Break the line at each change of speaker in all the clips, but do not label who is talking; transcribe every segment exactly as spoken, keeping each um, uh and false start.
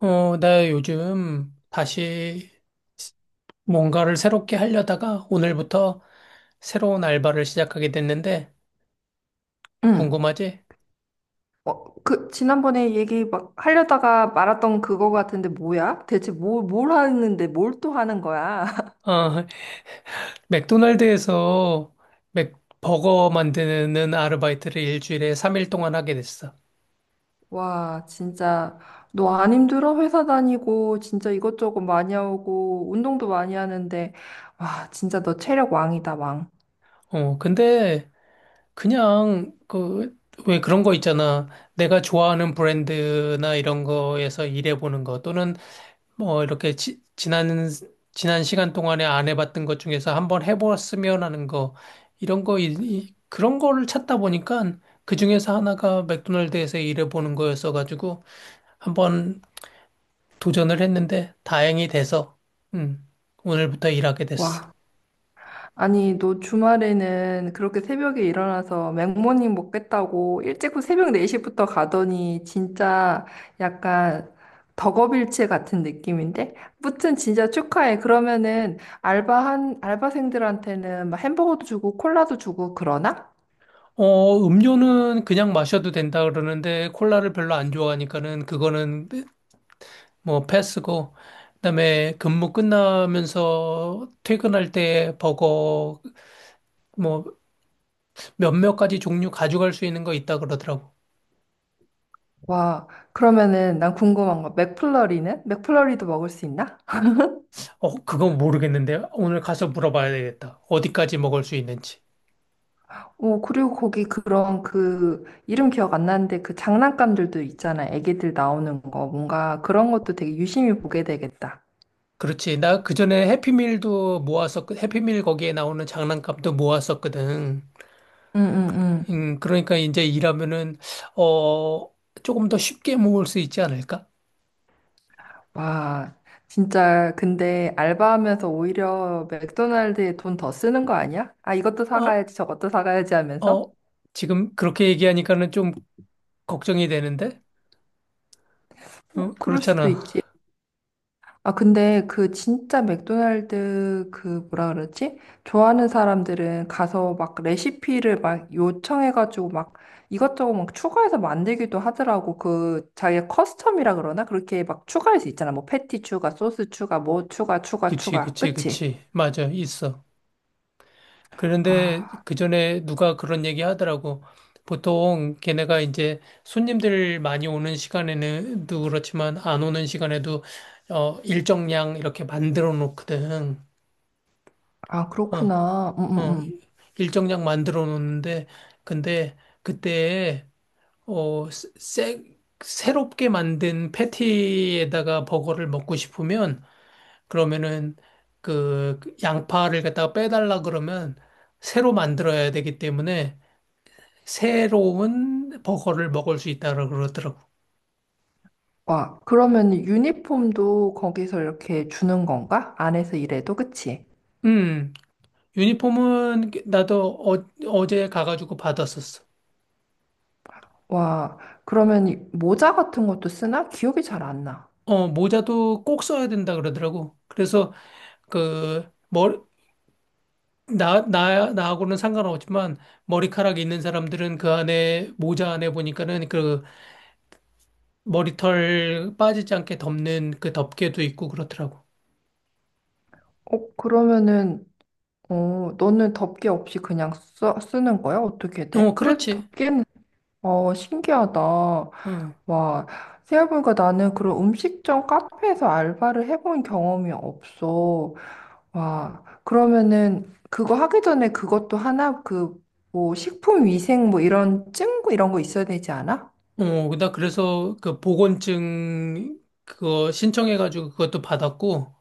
어, 나 요즘 다시 뭔가를 새롭게 하려다가 오늘부터 새로운 알바를 시작하게 됐는데,
응.
궁금하지?
어, 그, 지난번에 얘기 막 하려다가 말았던 그거 같은데 뭐야? 대체 뭘, 뭘 하는데 뭘 또 하는 거야?
어, 맥도날드에서 맥, 버거 만드는 아르바이트를 일주일에 삼 일 동안 하게 됐어.
와, 진짜, 너 안 힘들어? 회사 다니고, 진짜 이것저것 많이 하고, 운동도 많이 하는데, 와, 진짜 너 체력 왕이다, 왕.
어, 근데 그냥 그, 왜 그런 거 있잖아. 내가 좋아하는 브랜드나 이런 거에서 일해보는 거 또는 뭐 이렇게 지, 지난 지난 시간 동안에 안 해봤던 것 중에서 한번 해보았으면 하는 거 이런 거 이- 이- 그런 거를 찾다 보니까 그 중에서 하나가 맥도날드에서 일해보는 거였어가지고 한번 도전을 했는데 다행히 돼서 음, 오늘부터 일하게 됐어.
와, 아니, 너 주말에는 그렇게 새벽에 일어나서 맥모닝 먹겠다고 일찍 새벽 네 시부터 가더니 진짜 약간 덕업일체 같은 느낌인데? 무튼 진짜 축하해. 그러면은 알바한, 알바생들한테는 막 햄버거도 주고 콜라도 주고 그러나?
어, 음료는 그냥 마셔도 된다 그러는데 콜라를 별로 안 좋아하니까는 그거는 뭐 패스고, 그다음에 근무 끝나면서 퇴근할 때 버거 뭐 몇몇 가지 종류 가져갈 수 있는 거 있다 그러더라고.
와, 그러면은 난 궁금한 거. 맥플러리는? 맥플러리도 먹을 수 있나?
어, 그건 모르겠는데 오늘 가서 물어봐야 되겠다. 어디까지 먹을 수 있는지.
오, 그리고 거기 그런 그 이름 기억 안 나는데 그 장난감들도 있잖아. 애기들 나오는 거. 뭔가 그런 것도 되게 유심히 보게 되겠다.
그렇지. 나 그전에 해피밀도 모았었, 해피밀 거기에 나오는 장난감도 모았었거든.
응, 응, 응.
음, 그러니까 이제 일하면은, 어, 조금 더 쉽게 모을 수 있지 않을까?
와, 진짜 근데 알바하면서 오히려 맥도날드에 돈 더 쓰는 거 아니야? 아, 이것도
어,
사가야지, 저것도 사가야지 하면서?
어, 지금 그렇게 얘기하니까는 좀 걱정이 되는데?
어,
어,
그럴 수도
그렇잖아.
있지. 아, 근데 그 진짜 맥도날드 그 뭐라 그러지? 좋아하는 사람들은 가서 막 레시피를 막 요청해가지고 막 이것저것 막 추가해서 만들기도 하더라고. 그 자기가 커스텀이라 그러나? 그렇게 막 추가할 수 있잖아. 뭐 패티 추가, 소스 추가, 뭐 추가, 추가,
그치,
추가.
그치,
그치?
그치. 맞아, 있어. 그런데
아,
그 전에 누가 그런 얘기 하더라고. 보통 걔네가 이제 손님들 많이 오는 시간에는도 그렇지만 안 오는 시간에도 어, 일정량 이렇게 만들어 놓거든.
아,
어,
그렇구나. 음, 음,
어,
음.
일정량 만들어 놓는데 근데 그때 어, 새, 새롭게 만든 패티에다가 버거를 먹고 싶으면 그러면은 그 양파를 갖다가 빼달라 그러면 새로 만들어야 되기 때문에 새로운 버거를 먹을 수 있다고 그러더라고.
와, 그러면 유니폼도 거기서 이렇게 주는 건가? 안에서 일해도, 그치?
음, 유니폼은 나도 어, 어제 가가지고 받았었어.
와, 그러면 모자 같은 것도 쓰나? 기억이 잘 안 나.
어, 모자도 꼭 써야 된다 그러더라고. 그래서 그, 머리, 나, 나, 나하고는 상관없지만 머리카락 이 있는 사람들은 그 안에, 모자 안에 보니까는 그 머리털 빠지지 않게 덮는 그 덮개도 있고 그렇더라고.
어, 그러면은, 어, 너는 덮개 없이 그냥 써, 쓰는 거야? 어떻게 돼?
어,
그래도
그렇지.
덮개는, 어, 신기하다.
응.
와, 생각해보니까 나는 그런 음식점 카페에서 알바를 해본 경험이 없어. 와, 그러면은, 그거 하기 전에 그것도 하나, 그, 뭐, 식품 위생 뭐 이런 증거 이런 거 있어야 되지 않아?
어, 나 그래서 그 보건증 그거 신청해가지고 그것도 받았고,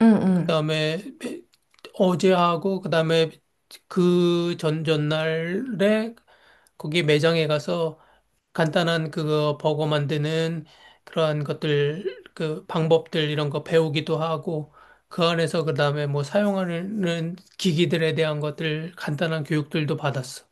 응, 응.
그다음에 어제 하고, 그다음에 그 전 전날에 거기 매장에 가서 간단한 그거 버거 만드는 그러한 것들, 그 방법들 이런 거 배우기도 하고, 그 안에서 그다음에 뭐 사용하는 기기들에 대한 것들 간단한 교육들도 받았어.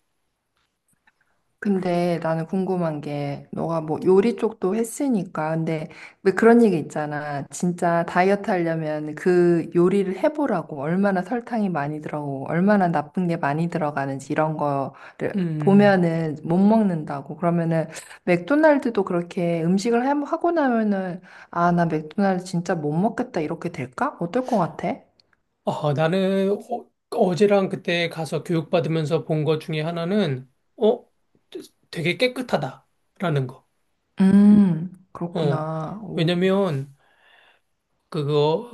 근데 나는 궁금한 게 너가 뭐 요리 쪽도 했으니까 근데 왜 그런 얘기 있잖아. 진짜 다이어트 하려면 그 요리를 해보라고 얼마나 설탕이 많이 들어가고 얼마나 나쁜 게 많이 들어가는지 이런 거를
음.
보면은 못 먹는다고. 그러면은 맥도날드도 그렇게 음식을 해- 하고 나면은 아, 나 맥도날드 진짜 못 먹겠다 이렇게 될까? 어떨 것 같아?
아, 나는 어, 어제랑 그때 가서 교육받으면서 본 것 중에 하나는, 어, 되게 깨끗하다라는 거.
음,
어,
그렇구나.
왜냐면 그거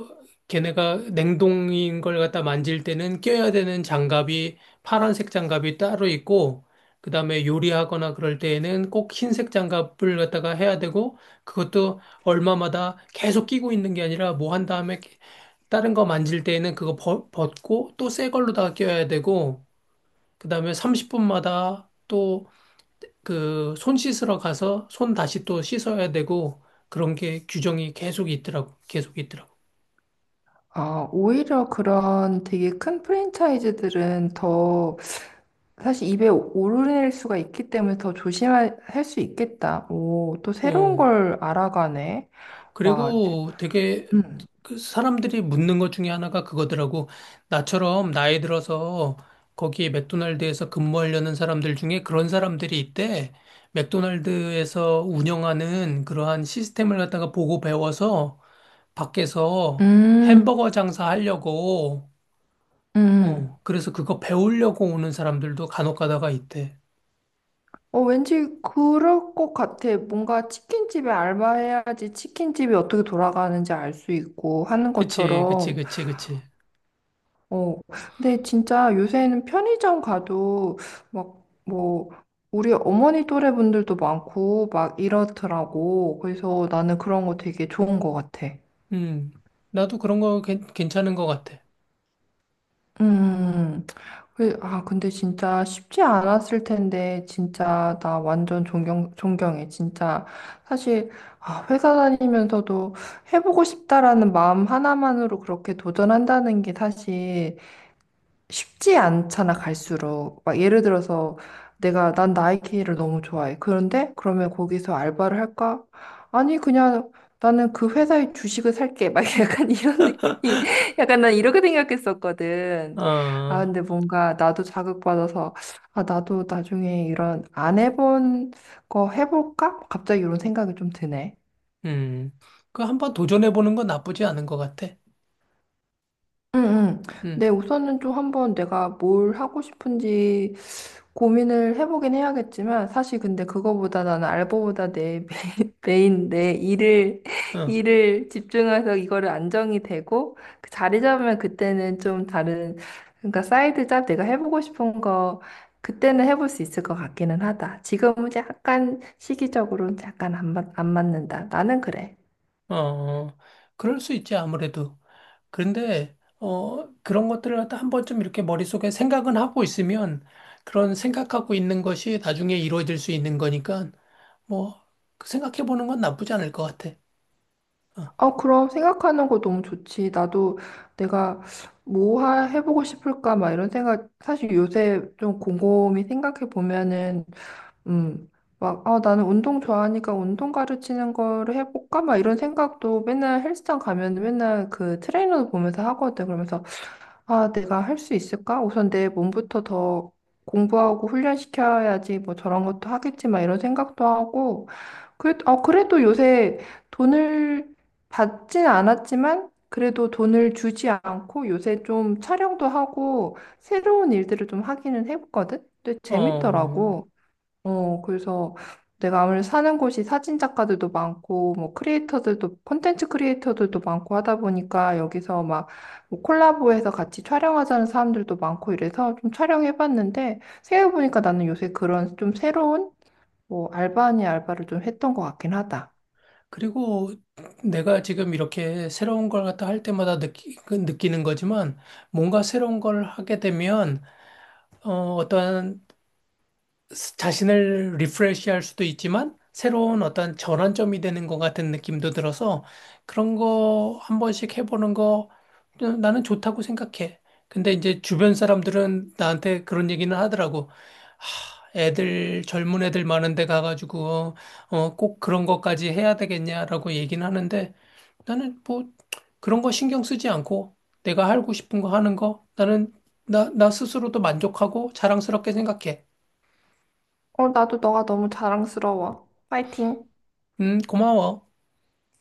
걔네가 냉동인 걸 갖다 만질 때는 껴야 되는 장갑이 파란색 장갑이 따로 있고 그다음에 요리하거나 그럴 때에는 꼭 흰색 장갑을 갖다가 해야 되고 그것도 얼마마다 계속 끼고 있는 게 아니라 뭐 한 다음에 다른 거 만질 때에는 그거 벗- 벗고 또 새 걸로다가 껴야 되고 그다음에 삼십 분마다 또 그 손 씻으러 가서 손 다시 또 씻어야 되고 그런 게 규정이 계속 있더라고. 계속 있더라고.
아, 오히려 그런 되게 큰 프랜차이즈들은 더 사실 입에 오르내릴 수가 있기 때문에 더 조심할 수 있겠다. 오, 또 새로운
어.
걸 알아가네. 와, 제,
그리고 되게
음,
그 사람들이 묻는 것 중에 하나가 그거더라고. 나처럼 나이 들어서 거기에 맥도날드에서 근무하려는 사람들 중에 그런 사람들이 있대. 맥도날드에서 운영하는 그러한 시스템을 갖다가 보고 배워서 밖에서
음,
햄버거 장사하려고,
음.
어, 그래서 그거 배우려고 오는 사람들도 간혹 가다가 있대.
어, 왠지 그럴 것 같아. 뭔가 치킨집에 알바해야지 치킨집이 어떻게 돌아가는지 알 수 있고 하는
그치, 그치,
것처럼
그치, 그치.
어, 근데 진짜 요새는 편의점 가도 막 뭐 우리 어머니 또래 분들도 많고 막 이렇더라고. 그래서 나는 그런 거 되게 좋은 것 같아.
음, 나도 그런 거 괜- 괜찮은 것 같아.
음, 그- 아, 근데 진짜 쉽지 않았을 텐데, 진짜 나 완전 존경, 존경해. 진짜 사실 아, 회사 다니면서도 해보고 싶다라는 마음 하나만으로 그렇게 도전한다는 게 사실 쉽지 않잖아, 갈수록. 막 예를 들어서 내가 난 나이키를 너무 좋아해. 그런데 그러면 거기서 알바를 할까? 아니, 그냥 나는 그 회사의 주식을 살게. 막 약간 이런 느낌. 약간 난 이렇게 생각했었거든. 아,
아.
근데 뭔가 나도 자극받아서 아, 나도 나중에 이런 안 해본 거 해볼까? 갑자기 이런 생각이 좀 드네.
음, 그 한번 도전해보는 건 나쁘지 않은 것 같아.
응, 응.
음,
네, 우선은 좀 한번 내가 뭘 하고 싶은지 고민을 해보긴 해야겠지만 사실 근데 그거보다 나는 알바보다 내 메- 메인 내 일을
어,
일을 집중해서 이거를 안정이 되고 그 자리 잡으면 그때는 좀 다른 그러니까 사이드 잡 내가 해보고 싶은 거 그때는 해볼 수 있을 것 같기는 하다. 지금은 약간 시기적으로는 약간 안, 맞- 안 맞는다. 나는 그래.
어, 어. 그럴 수 있지, 아무래도. 그런데, 어, 그런 것들을 갖다 한 번쯤 이렇게 머릿속에 생각은 하고 있으면 그런 생각하고 있는 것이 나중에 이루어질 수 있는 거니까, 뭐, 그 생각해보는 건 나쁘지 않을 것 같아. 어,
아, 그럼 생각하는 거 너무 좋지. 나도 내가 뭐 하- 해보고 싶을까, 막 이런 생각, 사실 요새 좀 곰곰이 생각해 보면은, 음, 막, 아, 나는 운동 좋아하니까 운동 가르치는 거를 해볼까, 막 이런 생각도 맨날 헬스장 가면 맨날 그 트레이너 보면서 하거든. 그러면서 아, 내가 할 수 있을까? 우선 내 몸부터 더 공부하고 훈련시켜야지 뭐 저런 것도 하겠지 막 이런 생각도 하고 그래, 어, 그래도 요새 돈을 받진 않았지만 그래도 돈을 주지 않고 요새 좀 촬영도 하고 새로운 일들을 좀 하기는 해봤거든? 근데
어,
재밌더라고. 어, 그래서 내가 아무래도 사는 곳이 사진 작가들도 많고, 뭐, 크리에이터들도, 콘텐츠 크리에이터들도 많고 하다 보니까 여기서 막, 뭐 콜라보해서 같이 촬영하자는 사람들도 많고 이래서 좀 촬영해봤는데, 생각해보니까 나는 요새 그런 좀 새로운, 뭐, 알바 아닌 알바를 좀 했던 것 같긴 하다.
그리고 내가 지금 이렇게 새로운 걸 갖다 할 때마다 느끼, 그 느끼는 거지만 뭔가 새로운 걸 하게 되면 어, 어떠한 자신을 리프레시할 수도 있지만 새로운 어떤 전환점이 되는 것 같은 느낌도 들어서 그런 거 한 번씩 해보는 거 나는 좋다고 생각해. 근데 이제 주변 사람들은 나한테 그런 얘기는 하더라고. 하, 애들 젊은 애들 많은 데 가가지고 어, 꼭 그런 것까지 해야 되겠냐라고 얘기는 하는데 나는 뭐 그런 거 신경 쓰지 않고 내가 하고 싶은 거 하는 거 나는 나, 나 스스로도 만족하고 자랑스럽게 생각해.
어, 나도 너가 너무 자랑스러워. 파이팅!
음, 고마워.